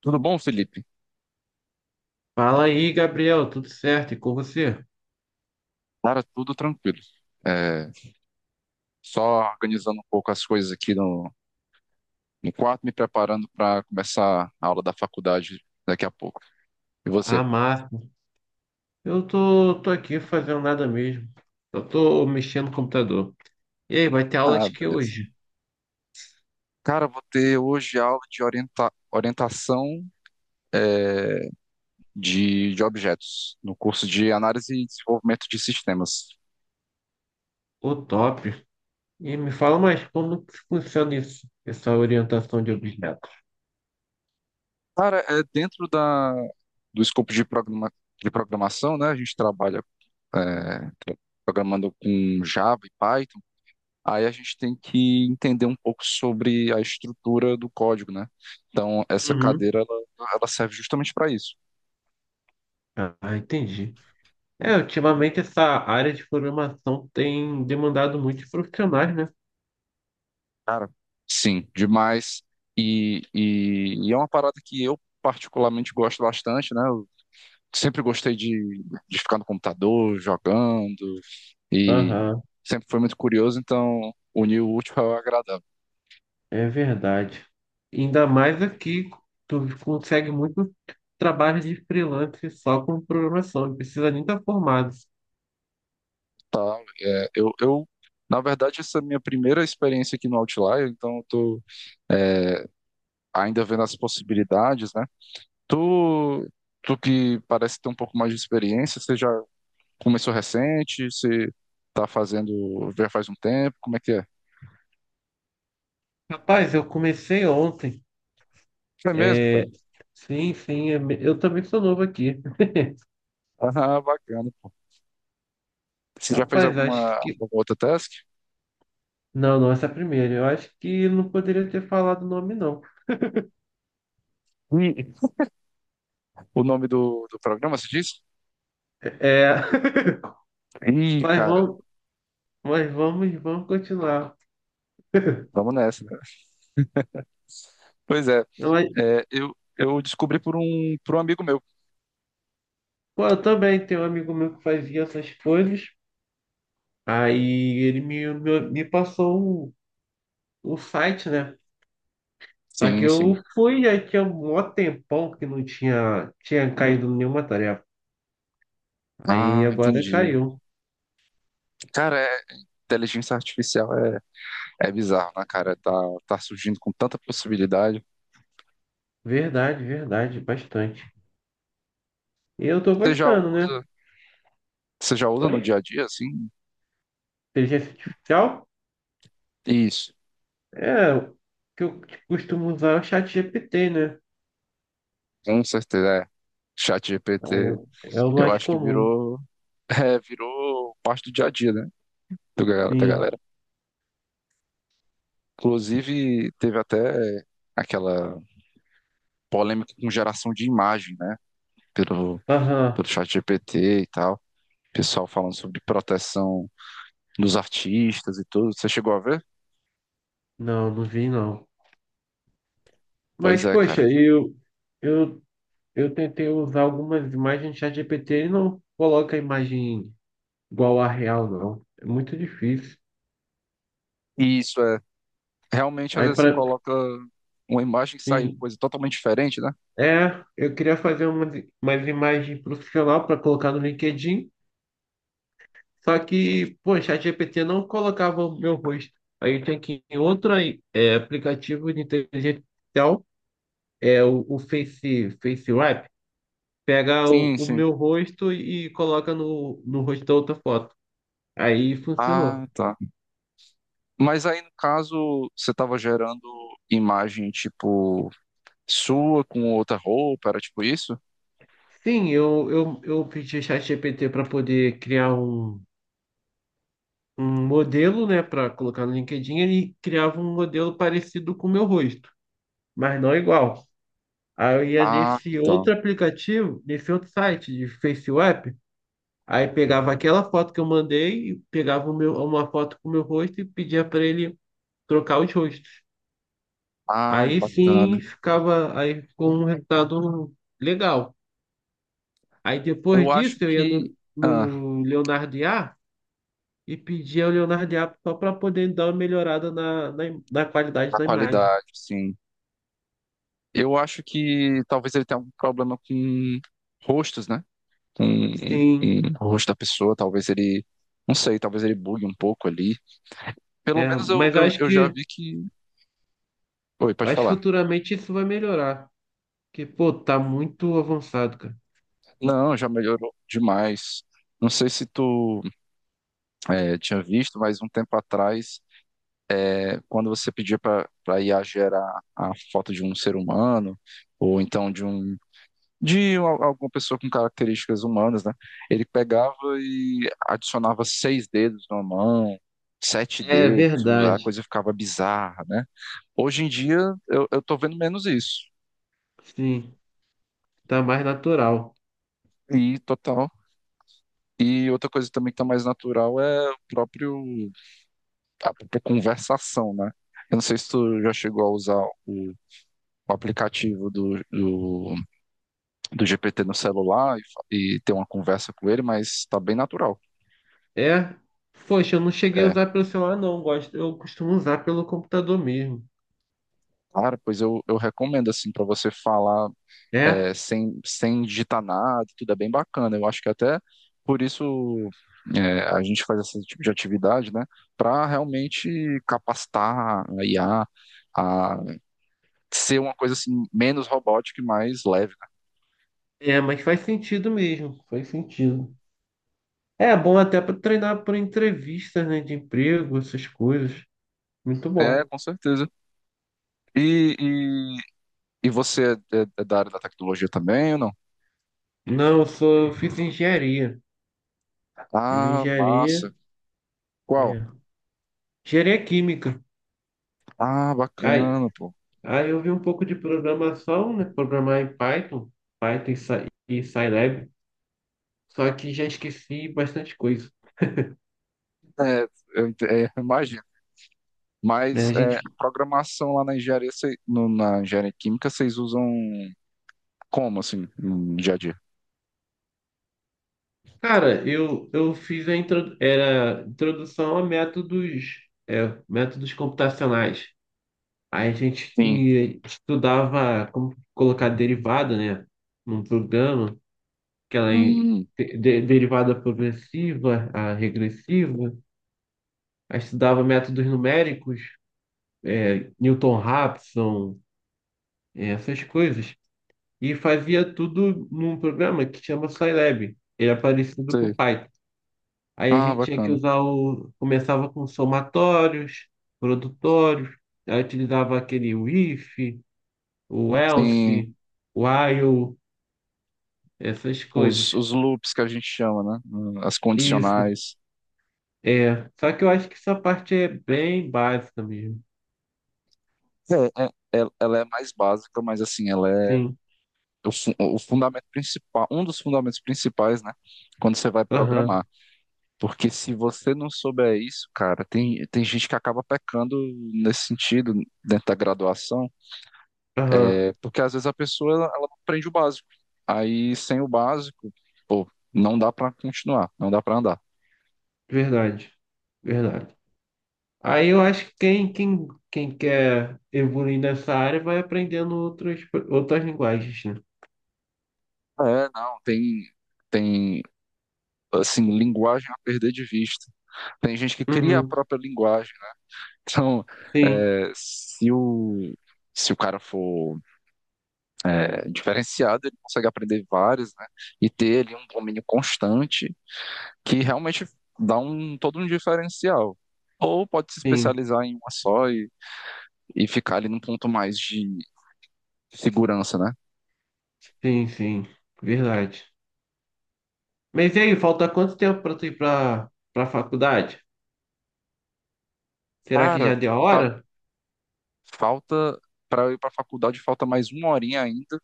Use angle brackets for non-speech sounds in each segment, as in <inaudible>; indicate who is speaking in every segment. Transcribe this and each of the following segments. Speaker 1: Tudo bom, Felipe?
Speaker 2: Fala aí, Gabriel, tudo certo? E com você?
Speaker 1: Cara, tudo tranquilo. É, só organizando um pouco as coisas aqui no quarto, me preparando para começar a aula da faculdade daqui a pouco. E você?
Speaker 2: Ah, máximo. Eu tô aqui fazendo nada mesmo. Eu tô mexendo no computador. E aí, vai ter aula
Speaker 1: Ah,
Speaker 2: de que
Speaker 1: beleza.
Speaker 2: hoje?
Speaker 1: Cara, vou ter hoje aula de orientação é, de objetos, no curso de análise e desenvolvimento de sistemas.
Speaker 2: O top. E me fala mais, como que funciona isso? Essa orientação de objetos.
Speaker 1: Cara, é dentro da, do escopo de programação, né? A gente trabalha é, programando com Java e Python. Aí a gente tem que entender um pouco sobre a estrutura do código, né? Então, essa
Speaker 2: Uhum.
Speaker 1: cadeira, ela serve justamente para isso.
Speaker 2: Ah, entendi. É, ultimamente essa área de programação tem demandado muitos profissionais, né?
Speaker 1: Cara, sim, demais. E é uma parada que eu particularmente gosto bastante, né? Eu sempre gostei de ficar no computador, jogando, e
Speaker 2: Aham.
Speaker 1: sempre foi muito curioso, então unir o útil ao agradável,
Speaker 2: É verdade. Ainda mais aqui, tu consegue muito trabalho de freelance só com programação, não precisa nem estar formado.
Speaker 1: tá? É, eu, na verdade, essa é a minha primeira experiência aqui no Outlier, então eu tô é, ainda vendo as possibilidades, né? Tu, tu que parece ter um pouco mais de experiência, você já começou recente, você tá fazendo já faz um tempo, como é que é?
Speaker 2: Rapaz, eu comecei ontem.
Speaker 1: É mesmo,
Speaker 2: É...
Speaker 1: cara? <laughs>
Speaker 2: Sim, sim, eu também sou novo aqui.
Speaker 1: Ah, bacana. Você já fez
Speaker 2: Rapaz,
Speaker 1: alguma,
Speaker 2: acho que.
Speaker 1: alguma outra task?
Speaker 2: Não, não, essa é a primeira. Eu acho que não poderia ter falado o nome, não.
Speaker 1: Ih, o nome do programa, se diz?
Speaker 2: É... <laughs>
Speaker 1: Ih,
Speaker 2: Mas
Speaker 1: cara,
Speaker 2: vamos, mas vamos continuar.
Speaker 1: vamos nessa, né? Pois é,
Speaker 2: Não, mas,
Speaker 1: eu descobri por um amigo meu.
Speaker 2: pô, eu também tenho um amigo meu que fazia essas coisas. Aí ele me passou o site, né? Só que
Speaker 1: Sim,
Speaker 2: eu
Speaker 1: sim.
Speaker 2: fui, aí tinha um mó tempão que não tinha caído nenhuma tarefa. Aí
Speaker 1: Ah,
Speaker 2: agora
Speaker 1: entendi.
Speaker 2: caiu.
Speaker 1: Cara, inteligência artificial é bizarro, né, cara? Tá, tá surgindo com tanta possibilidade.
Speaker 2: Verdade, verdade, bastante. E eu tô
Speaker 1: Você já
Speaker 2: gostando, né?
Speaker 1: usa, você já usa
Speaker 2: Oi?
Speaker 1: no dia a dia, assim?
Speaker 2: Inteligência artificial?
Speaker 1: Isso,
Speaker 2: É, o que eu costumo usar é o chat GPT, né?
Speaker 1: com certeza. É. Chat GPT,
Speaker 2: É o
Speaker 1: eu
Speaker 2: mais
Speaker 1: acho que
Speaker 2: comum.
Speaker 1: <laughs> virou parte do dia a dia, né? Da
Speaker 2: Sim.
Speaker 1: galera. Inclusive, teve até aquela polêmica com geração de imagem, né? Pelo,
Speaker 2: Aham.
Speaker 1: pelo chat GPT e tal. Pessoal falando sobre proteção dos artistas e tudo. Você chegou a ver?
Speaker 2: Não, não vi não.
Speaker 1: Pois
Speaker 2: Mas,
Speaker 1: é,
Speaker 2: poxa,
Speaker 1: cara.
Speaker 2: eu, eu tentei usar algumas imagens do chat GPT e não coloca a imagem igual a real, não. É muito difícil.
Speaker 1: isso é Realmente, às
Speaker 2: Aí
Speaker 1: vezes, você
Speaker 2: para
Speaker 1: coloca uma imagem que sai
Speaker 2: sim,
Speaker 1: coisa totalmente diferente, né?
Speaker 2: eu queria fazer umas imagens profissional para colocar no LinkedIn, só que, pô, o ChatGPT não colocava o meu rosto. Aí eu tinha que ir em outro aí, é, aplicativo de inteligência artificial, é o Face Wrap, pega o,
Speaker 1: Sim,
Speaker 2: o
Speaker 1: sim.
Speaker 2: meu rosto e coloca no, no rosto da outra foto. Aí
Speaker 1: Ah,
Speaker 2: funcionou.
Speaker 1: tá. Mas aí, no caso, você estava gerando imagem, tipo, sua com outra roupa, era tipo isso?
Speaker 2: Sim, eu pedi o ChatGPT para poder criar um modelo, né, para colocar no LinkedIn. Ele criava um modelo parecido com o meu rosto, mas não igual. Aí eu ia
Speaker 1: Ah,
Speaker 2: nesse
Speaker 1: tá.
Speaker 2: outro aplicativo, nesse outro site de FaceApp, aí pegava aquela foto que eu mandei, e pegava o meu- uma foto com o meu rosto e pedia para ele trocar os rostos.
Speaker 1: Ah, é
Speaker 2: Aí
Speaker 1: bacana.
Speaker 2: sim ficava aí com um resultado legal. Aí depois
Speaker 1: Eu acho
Speaker 2: disso eu ia
Speaker 1: que.
Speaker 2: no,
Speaker 1: Ah,
Speaker 2: no Leonardo IA e pedia ao Leonardo IA só para poder dar uma melhorada na, na qualidade
Speaker 1: da
Speaker 2: da imagem.
Speaker 1: qualidade, sim. Eu acho que talvez ele tenha algum problema com rostos, né? Com,
Speaker 2: Sim,
Speaker 1: com o rosto da pessoa, talvez ele. Não sei, talvez ele bugue um pouco ali. Pelo
Speaker 2: é,
Speaker 1: menos eu,
Speaker 2: mas eu
Speaker 1: eu,
Speaker 2: acho
Speaker 1: eu já
Speaker 2: que
Speaker 1: vi que.
Speaker 2: eu
Speaker 1: Pode
Speaker 2: acho que
Speaker 1: falar.
Speaker 2: futuramente isso vai melhorar, porque pô, tá muito avançado, cara.
Speaker 1: Não, já melhorou demais. Não sei se tu tinha visto, mas um tempo atrás, quando você pedia para IA gerar a foto de um ser humano, ou então de alguma pessoa com características humanas, né? Ele pegava e adicionava seis dedos na mão, sete
Speaker 2: É
Speaker 1: dedos, a
Speaker 2: verdade.
Speaker 1: coisa ficava bizarra, né? Hoje em dia eu tô vendo menos isso.
Speaker 2: Sim, tá mais natural.
Speaker 1: E total. E outra coisa também que tá mais natural é o próprio a própria conversação, né? Eu não sei se tu já chegou a usar o, o aplicativo do GPT no celular e ter uma conversa com ele, mas tá bem natural.
Speaker 2: É, poxa, eu não cheguei a
Speaker 1: É,
Speaker 2: usar pelo celular não, gosto, eu costumo usar pelo computador mesmo.
Speaker 1: cara, pois eu recomendo, assim, para você falar
Speaker 2: É,
Speaker 1: sem digitar nada, tudo é bem bacana. Eu acho que até por isso a gente faz esse tipo de atividade, né, para realmente capacitar a IA a ser uma coisa, assim, menos robótica e mais leve.
Speaker 2: é, mas faz sentido mesmo, faz sentido. É bom até para treinar por entrevistas, né, de emprego, essas coisas. Muito
Speaker 1: Né? É,
Speaker 2: bom.
Speaker 1: com certeza. E, e, e você é da área da tecnologia também ou não?
Speaker 2: Não, eu sou, eu fiz engenharia, fiz
Speaker 1: Ah, massa.
Speaker 2: engenharia,
Speaker 1: Qual?
Speaker 2: é, engenharia química.
Speaker 1: Ah,
Speaker 2: Aí
Speaker 1: bacana, pô.
Speaker 2: Aí eu vi um pouco de programação, né? Programar em Python, e Scilab, só que já esqueci bastante coisa,
Speaker 1: É, <laughs> eu imagino.
Speaker 2: né?
Speaker 1: Mas
Speaker 2: A gente,
Speaker 1: a programação lá na engenharia, na engenharia química, vocês usam como, assim, no dia a dia?
Speaker 2: cara, eu fiz a intro, era introdução a métodos, métodos computacionais. Aí a gente
Speaker 1: Sim.
Speaker 2: estudava como colocar derivada, né? Num programa, que ela é
Speaker 1: Hum,
Speaker 2: derivada progressiva, a regressiva. Aí estudava métodos numéricos, Newton-Raphson, essas coisas. E fazia tudo num programa que chama Scilab. Ele é parecido com
Speaker 1: sei.
Speaker 2: Python. Aí a
Speaker 1: Ah,
Speaker 2: gente tinha que
Speaker 1: bacana.
Speaker 2: usar o. Começava com somatórios, produtórios, aí utilizava aquele o if, o
Speaker 1: Sim,
Speaker 2: else, o while, essas
Speaker 1: os,
Speaker 2: coisas.
Speaker 1: os loops que a gente chama, né? As
Speaker 2: Isso,
Speaker 1: condicionais.
Speaker 2: é. Só que eu acho que essa parte é bem básica mesmo.
Speaker 1: É, ela é mais básica, mas assim,
Speaker 2: Sim.
Speaker 1: o fundamento principal, um dos fundamentos principais, né? Quando você vai
Speaker 2: Aham,
Speaker 1: programar. Porque se você não souber isso, cara, tem gente que acaba pecando nesse sentido, dentro da graduação,
Speaker 2: aham.
Speaker 1: porque às vezes a pessoa ela não aprende o básico. Aí sem o básico, pô, não dá pra continuar, não dá pra andar.
Speaker 2: Verdade, verdade. Aí eu acho que quem quer evoluir nessa área vai aprendendo outros outras linguagens, né?
Speaker 1: É, não, tem, assim, linguagem a perder de vista. Tem gente que cria a
Speaker 2: Uhum.
Speaker 1: própria linguagem. <laughs> Então,
Speaker 2: Sim,
Speaker 1: é, se o, se o cara for diferenciado, ele consegue aprender várias, né? E ter ali um domínio constante que realmente dá um todo um diferencial. Ou pode se
Speaker 2: sim,
Speaker 1: especializar em uma só e ficar ali num ponto mais de segurança, né?
Speaker 2: sim, sim. Verdade. Mas e aí, falta quanto tempo para tu ir para faculdade? Será que
Speaker 1: Cara,
Speaker 2: já deu a
Speaker 1: fa-
Speaker 2: hora?
Speaker 1: falta para eu ir para a faculdade, falta mais uma horinha ainda.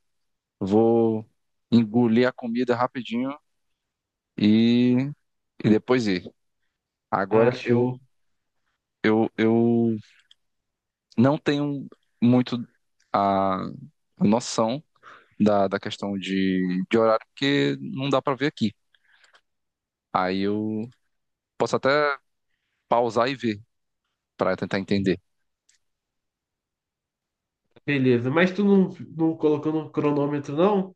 Speaker 1: Vou engolir a comida rapidinho e, e depois ir.
Speaker 2: Ah,
Speaker 1: Agora eu,
Speaker 2: show.
Speaker 1: eu, eu não tenho muito a noção da questão de horário, porque não dá para ver aqui. Aí eu posso até pausar e ver para tentar entender.
Speaker 2: Beleza. Mas tu não colocou no cronômetro, não?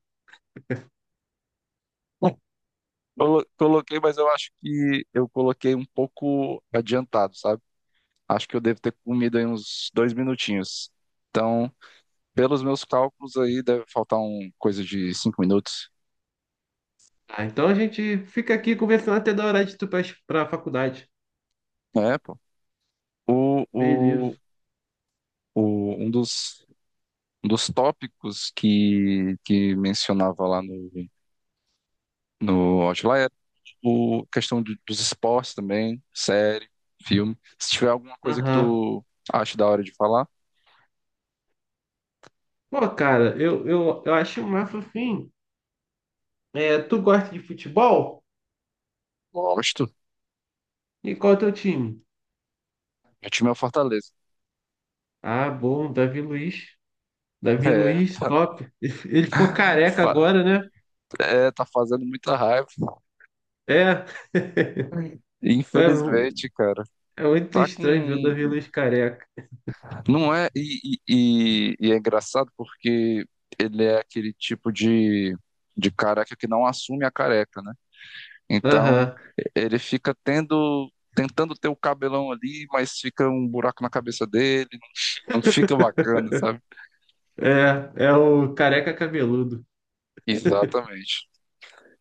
Speaker 1: Coloquei, mas eu acho que eu coloquei um pouco adiantado, sabe? Acho que eu devo ter comido aí uns 2 minutinhos. Então, pelos meus cálculos aí, deve faltar um coisa de 5 minutos.
Speaker 2: Ah, então a gente fica aqui conversando até da hora de tu para a faculdade.
Speaker 1: É, pô. O, o,
Speaker 2: Beleza.
Speaker 1: o, um dos, um dos tópicos que mencionava lá no Outlier, o questão dos esportes também, série, filme. Se tiver alguma coisa que
Speaker 2: Aham.
Speaker 1: tu acha da hora de falar.
Speaker 2: Pô, cara, eu acho massa assim. É, tu gosta de futebol?
Speaker 1: Gosto.
Speaker 2: E qual é o teu time?
Speaker 1: Meu time é o Fortaleza.
Speaker 2: Ah, bom, Davi Luiz. Davi
Speaker 1: É,
Speaker 2: Luiz,
Speaker 1: tá,
Speaker 2: top. <laughs> Ele ficou careca
Speaker 1: fa-
Speaker 2: agora, né?
Speaker 1: tá fazendo muita raiva.
Speaker 2: É. <laughs> É
Speaker 1: Infelizmente, cara.
Speaker 2: é muito
Speaker 1: Tá
Speaker 2: estranho ver o Davi
Speaker 1: com.
Speaker 2: Luiz careca.
Speaker 1: Não é. E é engraçado porque ele é aquele tipo de careca que não assume a careca, né? Então,
Speaker 2: Aham.
Speaker 1: ele fica tendo. Tentando ter o cabelão ali, mas fica um buraco na cabeça dele. Não fica bacana, sabe?
Speaker 2: É, é o careca cabeludo.
Speaker 1: Exatamente.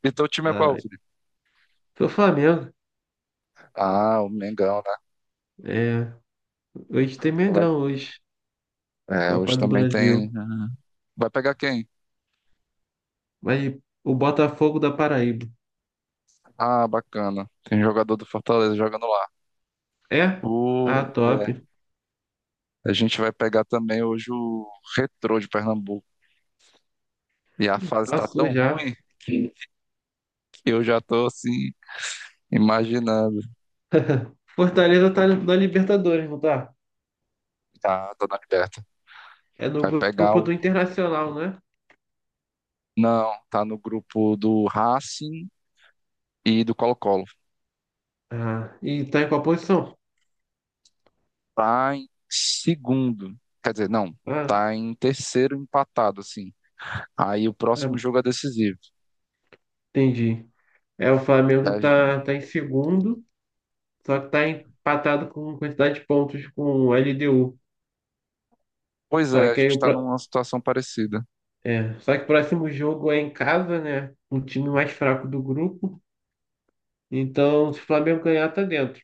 Speaker 1: E teu time é qual,
Speaker 2: Ai.
Speaker 1: Felipe?
Speaker 2: Pro Flamengo.
Speaker 1: Ah, o Mengão, né?
Speaker 2: É. Hoje tem
Speaker 1: Vai-
Speaker 2: Mengão hoje.
Speaker 1: Hoje
Speaker 2: Copa do
Speaker 1: também tem.
Speaker 2: Brasil.
Speaker 1: Vai pegar quem?
Speaker 2: Mas o Botafogo da Paraíba.
Speaker 1: Ah, bacana. Tem jogador do Fortaleza jogando lá.
Speaker 2: É? Ah,
Speaker 1: O... é,
Speaker 2: top.
Speaker 1: A gente vai pegar também hoje o Retrô de Pernambuco. E a fase tá
Speaker 2: Passou
Speaker 1: tão
Speaker 2: já.
Speaker 1: ruim que eu já tô assim, imaginando.
Speaker 2: <laughs> Fortaleza tá na Libertadores, não tá?
Speaker 1: Tá, tô na liberta.
Speaker 2: É no
Speaker 1: Vai pegar
Speaker 2: grupo do
Speaker 1: o.
Speaker 2: Internacional, né?
Speaker 1: Não, tá no grupo do Racing e do Colo-Colo.
Speaker 2: Ah, e tá em qual posição?
Speaker 1: Tá em segundo. Quer dizer, não,
Speaker 2: Ah,
Speaker 1: tá em terceiro empatado, assim. Aí o próximo
Speaker 2: é,
Speaker 1: jogo é decisivo.
Speaker 2: entendi. É, o
Speaker 1: E
Speaker 2: Flamengo
Speaker 1: a gen-
Speaker 2: tá em segundo, só que tá empatado com quantidade de pontos com o LDU.
Speaker 1: Pois
Speaker 2: Só
Speaker 1: é, a
Speaker 2: que aí
Speaker 1: gente tá numa situação parecida.
Speaker 2: o próximo jogo é em casa, né? Um time mais fraco do grupo. Então, se o Flamengo ganhar, tá dentro.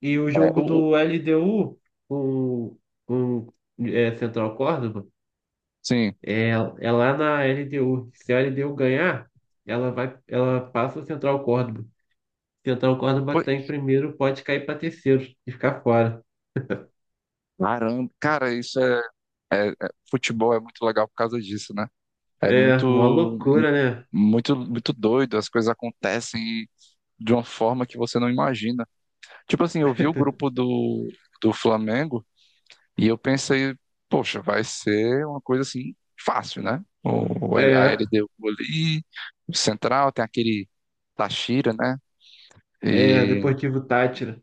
Speaker 2: E o
Speaker 1: É, o,
Speaker 2: jogo
Speaker 1: o-
Speaker 2: do LDU com, com Central Córdoba.
Speaker 1: sim.
Speaker 2: É, é, lá na LDU. Se a LDU ganhar, ela vai, ela passa o Central Córdoba. Central Córdoba que
Speaker 1: Pô,
Speaker 2: está em primeiro pode cair para terceiro e ficar fora.
Speaker 1: caramba, cara, futebol é muito legal por causa disso, né? É
Speaker 2: É, uma
Speaker 1: muito,
Speaker 2: loucura, né?
Speaker 1: muito, muito doido, as coisas acontecem de uma forma que você não imagina. Tipo assim, eu vi o grupo
Speaker 2: <laughs>
Speaker 1: do Flamengo. E eu pensei, poxa, vai ser uma coisa assim fácil, né? A
Speaker 2: É,
Speaker 1: LDU ali, o Central, tem aquele tachira, né?
Speaker 2: é,
Speaker 1: E
Speaker 2: Deportivo Táchira.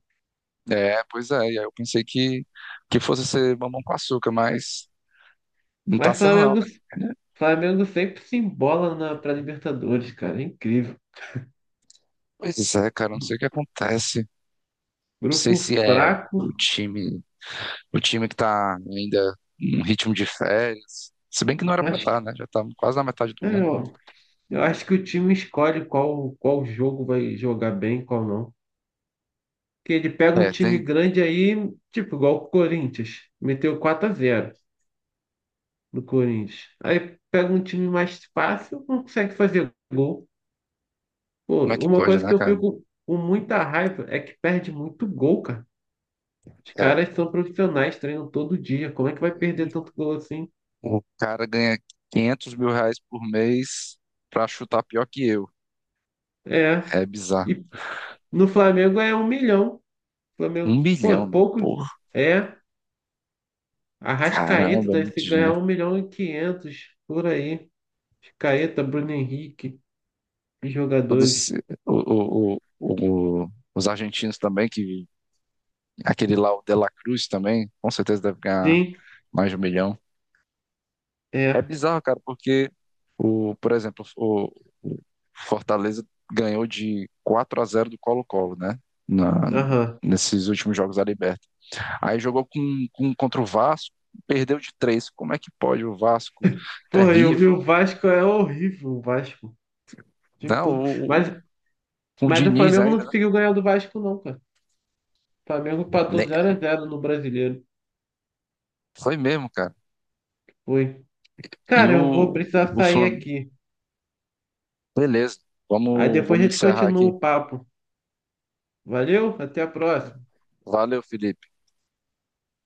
Speaker 1: Pois é, e aí eu pensei que fosse ser mamão com açúcar, mas não tá
Speaker 2: Mas
Speaker 1: sendo não,
Speaker 2: Flamengo,
Speaker 1: né?
Speaker 2: Flamengo sempre se embola na, pra Libertadores, cara. É incrível.
Speaker 1: Pois é, cara, não sei o que acontece. Não sei
Speaker 2: Grupo
Speaker 1: se é o
Speaker 2: fraco,
Speaker 1: time, o time que tá ainda em ritmo de férias. Se bem que não era pra
Speaker 2: mas
Speaker 1: estar, né? Já tá quase na metade do
Speaker 2: é,
Speaker 1: ano.
Speaker 2: ó, eu acho que o time escolhe qual jogo vai jogar bem, qual não. Que ele pega um
Speaker 1: É,
Speaker 2: time
Speaker 1: tem.
Speaker 2: grande aí, tipo, igual o Corinthians, meteu 4-0 no Corinthians. Aí pega um time mais fácil, não consegue fazer gol. Pô,
Speaker 1: Como é que
Speaker 2: uma
Speaker 1: pode,
Speaker 2: coisa que
Speaker 1: né,
Speaker 2: eu
Speaker 1: cara?
Speaker 2: fico com muita raiva é que perde muito gol, cara. Os
Speaker 1: É.
Speaker 2: caras são profissionais, treinam todo dia. Como é que vai perder tanto gol assim?
Speaker 1: O cara ganha 500 mil reais por mês pra chutar pior que eu.
Speaker 2: É.
Speaker 1: É bizarro.
Speaker 2: E no Flamengo é 1 milhão.
Speaker 1: Um
Speaker 2: Flamengo, pô,
Speaker 1: bilhão, mano.
Speaker 2: pouco
Speaker 1: Porra,
Speaker 2: é. Arrascaeta
Speaker 1: caramba, é
Speaker 2: deve
Speaker 1: muito
Speaker 2: se ganhar
Speaker 1: dinheiro.
Speaker 2: 1,5 milhão por aí. Arrascaeta, Bruno Henrique. E
Speaker 1: Todos,
Speaker 2: jogadores.
Speaker 1: os argentinos também, que aquele lá, o De La Cruz também, com certeza deve ganhar
Speaker 2: Sim,
Speaker 1: mais de 1 milhão. É
Speaker 2: é.
Speaker 1: bizarro, cara, porque, por exemplo, o Fortaleza ganhou de 4-0 do Colo-Colo, né? Na,
Speaker 2: Aham.
Speaker 1: Nesses últimos jogos da Libertadores. Aí jogou contra o Vasco, perdeu de três. Como é que pode o Vasco?
Speaker 2: Porra, e o
Speaker 1: Terrível.
Speaker 2: Vasco é horrível, o Vasco. O time todo.
Speaker 1: Não? o, com o
Speaker 2: Mas o
Speaker 1: Diniz
Speaker 2: Flamengo não
Speaker 1: ainda,
Speaker 2: conseguiu ganhar do Vasco, não, cara. O Flamengo empatou
Speaker 1: né?
Speaker 2: 0x0 no Brasileiro.
Speaker 1: Foi mesmo, cara.
Speaker 2: Foi.
Speaker 1: E
Speaker 2: Cara, eu vou
Speaker 1: o,
Speaker 2: precisar
Speaker 1: o
Speaker 2: sair
Speaker 1: Flamengo.
Speaker 2: aqui.
Speaker 1: Beleza,
Speaker 2: Aí
Speaker 1: vamos,
Speaker 2: depois a
Speaker 1: vamos
Speaker 2: gente
Speaker 1: encerrar
Speaker 2: continua
Speaker 1: aqui.
Speaker 2: o papo. Valeu, até a próxima.
Speaker 1: Valeu, Felipe.